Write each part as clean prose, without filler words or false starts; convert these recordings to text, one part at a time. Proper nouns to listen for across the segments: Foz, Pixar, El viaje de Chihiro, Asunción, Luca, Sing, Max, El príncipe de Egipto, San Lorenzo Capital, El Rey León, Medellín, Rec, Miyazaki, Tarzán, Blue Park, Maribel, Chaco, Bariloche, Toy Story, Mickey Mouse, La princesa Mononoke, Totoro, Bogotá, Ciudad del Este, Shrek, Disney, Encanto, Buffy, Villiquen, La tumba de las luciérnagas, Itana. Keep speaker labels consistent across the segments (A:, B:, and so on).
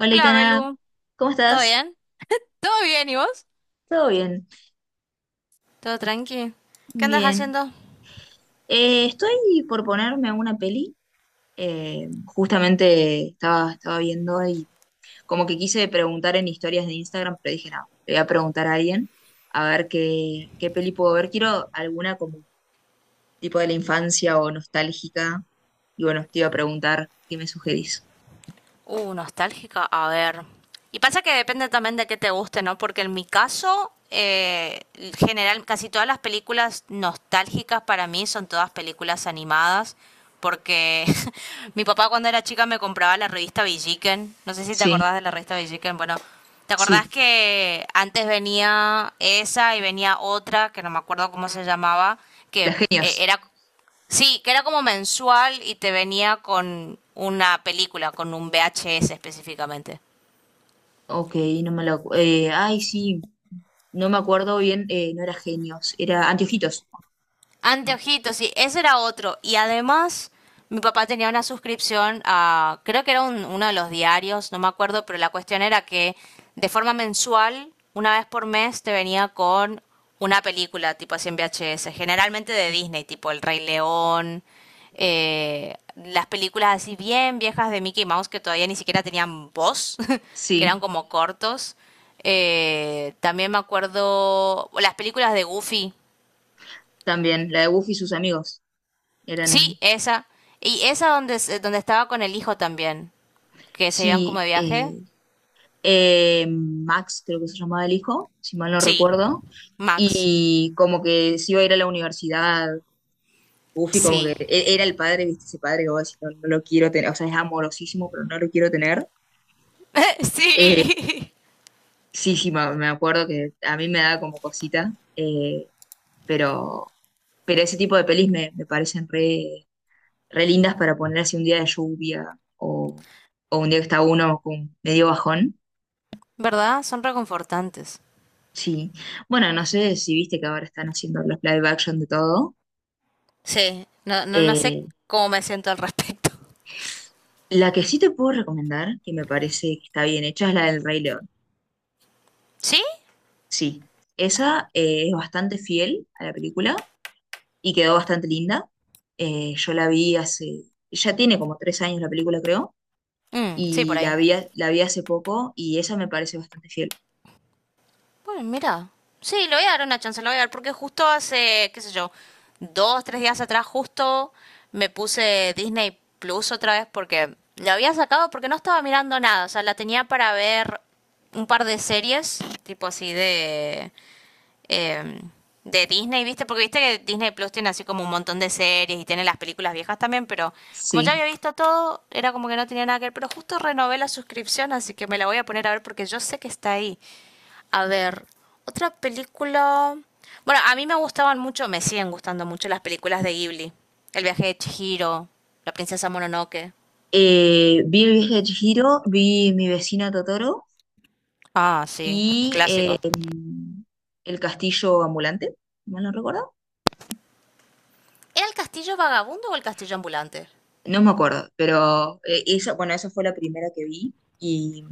A: Hola,
B: Hola,
A: Itana,
B: Belu.
A: ¿cómo
B: ¿Todo
A: estás?
B: bien? ¿Todo bien y vos?
A: ¿Todo bien?
B: ¿Todo tranqui? ¿Qué andas
A: Bien.
B: haciendo?
A: Estoy por ponerme una peli. Justamente estaba viendo y como que quise preguntar en historias de Instagram, pero dije, no, le voy a preguntar a alguien a ver qué peli puedo ver. Quiero alguna como tipo de la infancia o nostálgica. Y bueno, te iba a preguntar qué me sugerís.
B: Nostálgica. A ver. Y pasa que depende también de qué te guste, ¿no? Porque en mi caso, general, casi todas las películas nostálgicas para mí son todas películas animadas. Porque mi papá cuando era chica me compraba la revista Villiquen. No sé si te
A: Sí,
B: acordás de la revista Villiquen. Bueno, ¿te acordás
A: sí.
B: que antes venía esa y venía otra, que no me acuerdo cómo se llamaba,
A: Las
B: que
A: genios.
B: era sí, que era como mensual y te venía con una película, con un VHS específicamente.
A: Ok, no me lo... acu- ay, sí, no me acuerdo bien, no era genios, era anteojitos. No.
B: Anteojitos, sí, ese era otro. Y además, mi papá tenía una suscripción a, creo que era uno de los diarios, no me acuerdo, pero la cuestión era que de forma mensual, una vez por mes, te venía con una película, tipo así en VHS, generalmente de Disney, tipo El Rey León, las películas así bien viejas de Mickey Mouse que todavía ni siquiera tenían voz, que eran
A: Sí,
B: como cortos. También me acuerdo las películas de Goofy,
A: también. La de Buffy y sus amigos.
B: sí,
A: Eran.
B: esa. Y esa donde, donde estaba con el hijo también, que se iban como
A: Sí,
B: de viaje.
A: Max, creo que se llamaba el hijo, si mal no
B: Sí.
A: recuerdo.
B: Max.
A: Y como que se iba a ir a la universidad. Buffy, como que
B: Sí.
A: era el padre, ¿viste? Ese padre que vos decís, no, no lo quiero tener. O sea, es amorosísimo, pero no lo quiero tener. Eh,
B: sí.
A: sí, sí, me acuerdo que a mí me da como cosita. Pero, pero ese tipo de pelis me parecen re lindas para poner así un día de lluvia o un día que está uno con medio bajón.
B: ¿Verdad? Son reconfortantes.
A: Sí. Bueno, no sé si viste que ahora están haciendo los live action de todo.
B: Sí. No, no, no sé
A: Eh,
B: cómo me siento al respecto.
A: la que sí te puedo recomendar, que me parece que está bien hecha, es la del Rey León.
B: ¿Sí?
A: Sí. Esa es bastante fiel a la película y quedó bastante linda. Yo la vi hace, ya tiene como 3 años la película, creo,
B: Mm, sí,
A: y
B: por
A: la
B: ahí.
A: vi, la vi hace poco y esa me parece bastante fiel.
B: Bueno, mira. Sí, le voy a dar una chance, le voy a dar, porque justo hace, qué sé yo, dos, tres días atrás, justo me puse Disney Plus otra vez porque la había sacado porque no estaba mirando nada. O sea, la tenía para ver un par de series, tipo así de. eh, de Disney, ¿viste? Porque viste que Disney Plus tiene así como un montón de series y tiene las películas viejas también, pero como ya
A: Sí.
B: había visto todo, era como que no tenía nada que ver. Pero justo renové la suscripción, así que me la voy a poner a ver porque yo sé que está ahí. A ver, otra película. Bueno, a mí me gustaban mucho, me siguen gustando mucho las películas de Ghibli. El viaje de Chihiro, La princesa Mononoke.
A: Vi el viaje de Chihiro, vi mi vecina Totoro
B: Ah, sí,
A: y
B: clásico.
A: el castillo ambulante, si mal no recuerdo.
B: ¿Era el castillo vagabundo o el castillo ambulante?
A: No me acuerdo, pero esa, bueno, esa fue la primera que vi y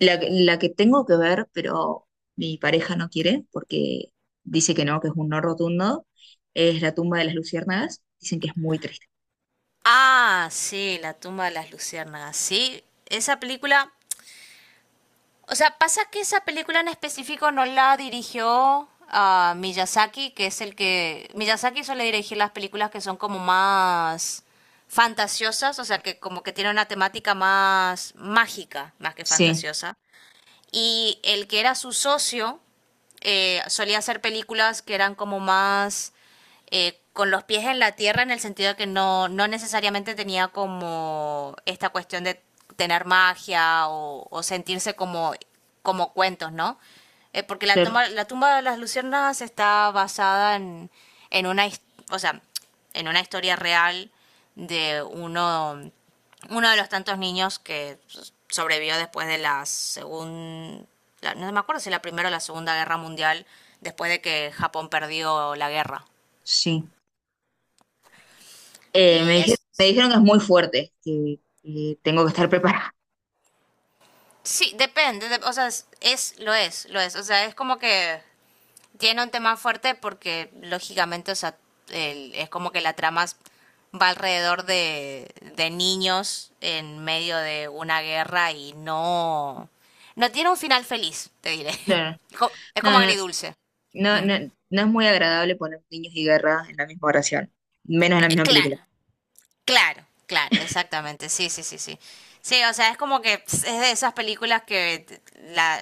A: la que tengo que ver, pero mi pareja no quiere porque dice que no, que es un no rotundo, es la tumba de las luciérnagas. Dicen que es muy triste.
B: Ah, sí, La tumba de las luciérnagas. Sí, esa película. O sea, pasa que esa película en específico no la dirigió a Miyazaki, que es el que... Miyazaki suele dirigir las películas que son como más fantasiosas, o sea, que como que tiene una temática más mágica, más que
A: Sí,
B: fantasiosa. Y el que era su socio solía hacer películas que eran como más con los pies en la tierra en el sentido de que no, no necesariamente tenía como esta cuestión de tener magia o sentirse como, como cuentos, ¿no? Porque
A: claro,
B: la tumba de las luciérnagas está basada en, en una, his- o sea, en una historia real de uno de los tantos niños que sobrevivió después de la segunda, no me acuerdo si la primera o la segunda guerra mundial, después de que Japón perdió la guerra.
A: sí.
B: Y es,
A: Me dijeron que es muy fuerte, que tengo que estar preparada.
B: sí, depende, o sea, lo es, o sea, es como que tiene un tema fuerte porque lógicamente, o sea, es como que va alrededor de niños en medio de una guerra y no, no tiene un final feliz, te diré.
A: Claro.
B: Es
A: No,
B: como
A: no.
B: agridulce.
A: No, no, no es muy agradable poner niños y guerra en la misma oración, menos en la misma
B: Claro,
A: película.
B: claro, claro, exactamente. Sí, sí, sí, sí. Sí, o sea, es como que es de esas películas que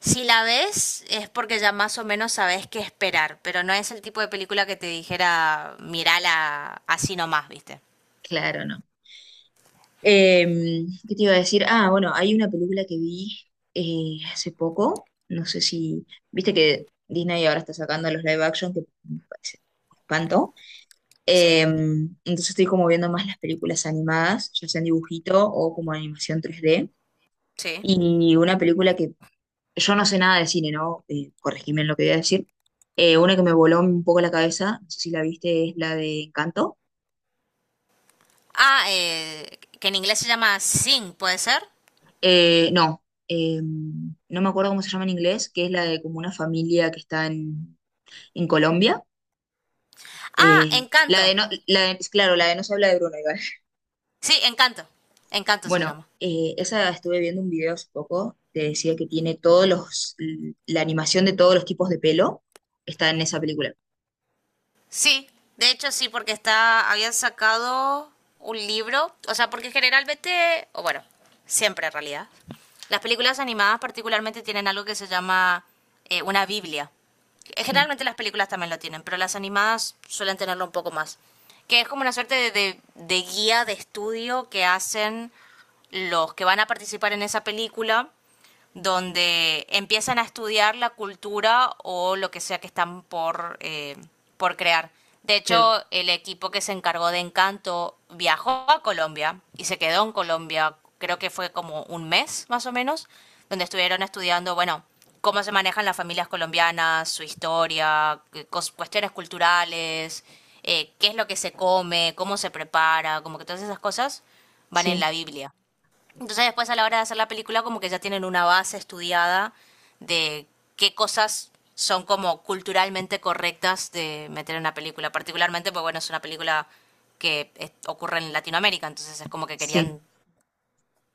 B: si la ves es porque ya más o menos sabes qué esperar, pero no es el tipo de película que te dijera, mirala así nomás, ¿viste?
A: Claro, no. ¿Qué te iba a decir? Ah, bueno, hay una película que vi hace poco, no sé si, viste que Disney ahora está sacando los live action, que me parece un espanto.
B: Sí,
A: Entonces estoy como viendo más las películas animadas, ya sea en dibujito o como animación 3D.
B: sí.
A: Y una película que yo no sé nada de cine, ¿no? Corregime en lo que voy a decir. Una que me voló un poco la cabeza, no sé si la viste, es la de Encanto.
B: Ah, que en inglés se llama Sing, ¿puede ser?
A: No, no me acuerdo cómo se llama en inglés, que es la de como una familia que está en Colombia.
B: Ah,
A: La de
B: Encanto.
A: no, la de- Claro, la de no se habla de Bruno, igual.
B: Sí, Encanto. Encanto se
A: Bueno,
B: llama.
A: esa estuve viendo un video hace poco que decía que tiene todos la animación de todos los tipos de pelo está en esa película.
B: Sí, de hecho sí, porque está, habían sacado un libro, o sea, porque generalmente, o bueno, siempre en realidad, las películas animadas particularmente tienen algo que se llama una Biblia.
A: Sí,
B: Generalmente las películas también lo tienen, pero las animadas suelen tenerlo un poco más. Que es como una suerte de, de guía de estudio que hacen los que van a participar en esa película donde empiezan a estudiar la cultura o lo que sea que están por crear. De
A: claro,
B: hecho, el equipo que se encargó de Encanto viajó a Colombia y se quedó en Colombia, creo que fue como un mes más o menos, donde estuvieron estudiando, bueno, cómo se manejan las familias colombianas, su historia, cuestiones culturales, qué es lo que se come, cómo se prepara, como que todas esas cosas van en
A: sí,
B: la Biblia. Entonces después a la hora de hacer la película como que ya tienen una base estudiada de qué cosas son como culturalmente correctas de meter en una película, particularmente pues bueno, es una película ocurre en Latinoamérica, entonces es como que
A: sí.
B: querían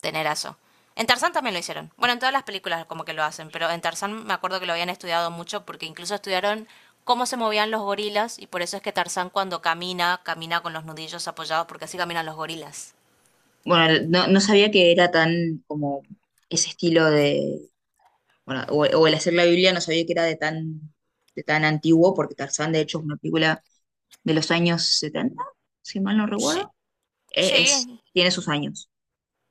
B: tener eso. En Tarzán también lo hicieron. Bueno, en todas las películas como que lo hacen, pero en Tarzán me acuerdo que lo habían estudiado mucho porque incluso estudiaron cómo se movían los gorilas y por eso es que Tarzán cuando camina, camina con los nudillos apoyados porque así caminan los gorilas.
A: Bueno, no, no sabía que era tan como ese estilo de, bueno, o, el hacer la Biblia no sabía que era de tan antiguo, porque Tarzán de hecho es una película de los años 70 si mal no
B: Sí,
A: recuerdo.
B: sí,
A: Tiene sus años.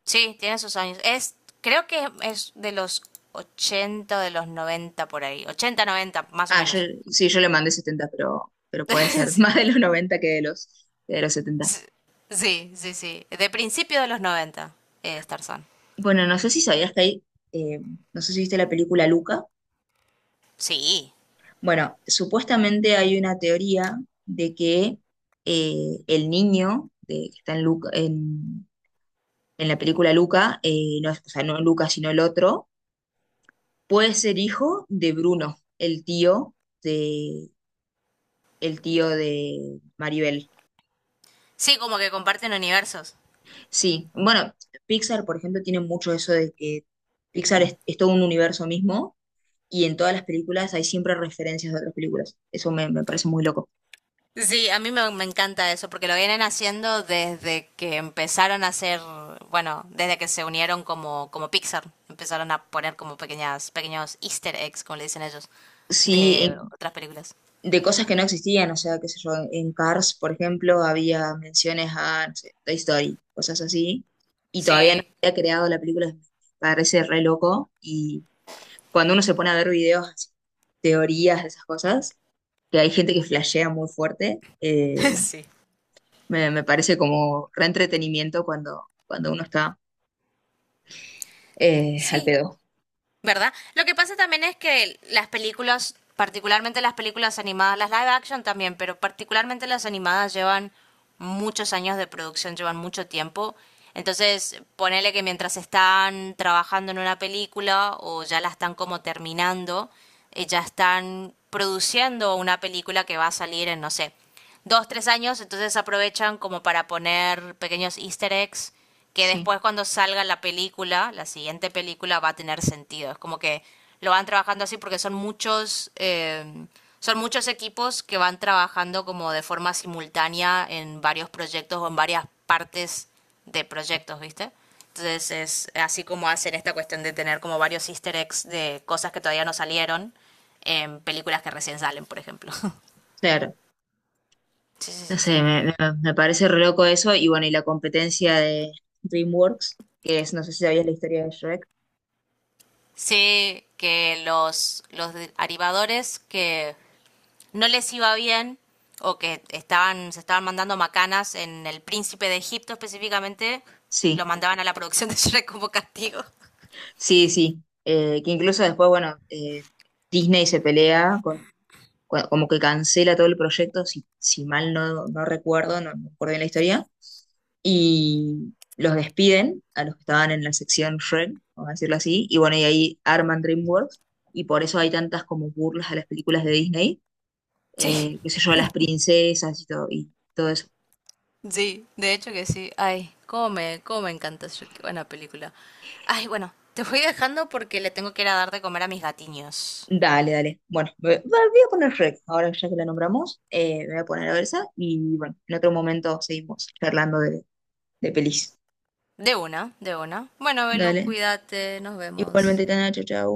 B: sí, tiene sus años. Es, creo que es de los 80, de los 90 por ahí. Ochenta 90, más o
A: Ah,
B: menos.
A: sí, yo le mandé 70 pero puede ser más de los 90 que que de los setenta.
B: Sí, sí, sí, sí. De principio de los 90. Starzan.
A: Bueno, no sé si sabías que hay, eh, no sé si viste la película Luca.
B: Sí,
A: Bueno, supuestamente hay una teoría de que el niño que está en la película Luca, no, o sea, no Luca, sino el otro, puede ser hijo de Bruno, de, el tío de, Maribel.
B: sí, como que comparten universos.
A: Sí, bueno, Pixar, por ejemplo, tiene mucho eso de que Pixar es todo un universo mismo y en todas las películas hay siempre referencias de otras películas. Eso me parece muy loco.
B: Sí, a me encanta eso, porque lo vienen haciendo desde que empezaron a hacer, bueno, desde que se unieron como, como Pixar. Empezaron a poner como pequeños easter eggs, como le dicen ellos, de
A: Sí,
B: otras películas.
A: de cosas que no existían, o sea, qué sé yo, en Cars, por ejemplo, había menciones a, no sé, Toy Story, cosas así, y todavía no
B: Sí,
A: había creado la película, me parece re loco, y cuando uno se pone a ver videos, así, teorías de esas cosas, que hay gente que flashea muy fuerte, eh,
B: sí.
A: me, me parece como re entretenimiento cuando uno está al
B: Sí,
A: pedo.
B: ¿verdad? Lo que pasa también es que las películas, particularmente las películas animadas, las live action también, pero particularmente las animadas llevan muchos años de producción, llevan mucho tiempo. Entonces, ponele que mientras están trabajando en una película o ya la están como terminando, ya están produciendo una película que va a salir en, no sé, dos, tres años, entonces aprovechan como para poner pequeños easter eggs que
A: Sí,
B: después cuando salga la película, la siguiente película va a tener sentido. Es como que lo van trabajando así porque son muchos equipos que van trabajando como de forma simultánea en varios proyectos o en varias partes de proyectos, ¿viste? Entonces es así como hacen esta cuestión de tener como varios easter eggs de cosas que todavía no salieron en películas que recién salen, por ejemplo.
A: claro.
B: sí, sí,
A: No
B: sí,
A: sé,
B: sí.
A: me parece re loco eso, y bueno, y la competencia de DreamWorks, que es, no sé si sabías la historia de Shrek.
B: Sé que los arribadores que no les iba bien o que se estaban mandando macanas en el príncipe de Egipto específicamente, los
A: Sí,
B: mandaban a la producción de Shrek como castigo.
A: sí, sí. Que incluso después, bueno, Disney se pelea con, como que cancela todo el proyecto, si, si mal no recuerdo, no recuerdo bien la historia, y los despiden a los que estaban en la sección Shrek, vamos a decirlo así, y bueno, y ahí arman DreamWorks, y por eso hay tantas como burlas a las películas de Disney,
B: Sí,
A: qué sé yo, a las princesas y todo eso.
B: sí, de hecho que sí. Ay, cómo me encanta Shrek, qué buena película. Ay, bueno, te voy dejando porque le tengo que ir a dar de comer a mis gatiños.
A: Dale, dale. Bueno, voy a poner Rec, ahora ya que la nombramos, me voy a poner a ver esa y bueno, en otro momento seguimos charlando de, pelis.
B: De una, de una. Bueno, Belu,
A: Dale.
B: cuídate, nos vemos.
A: Igualmente, Tana, chau, chau.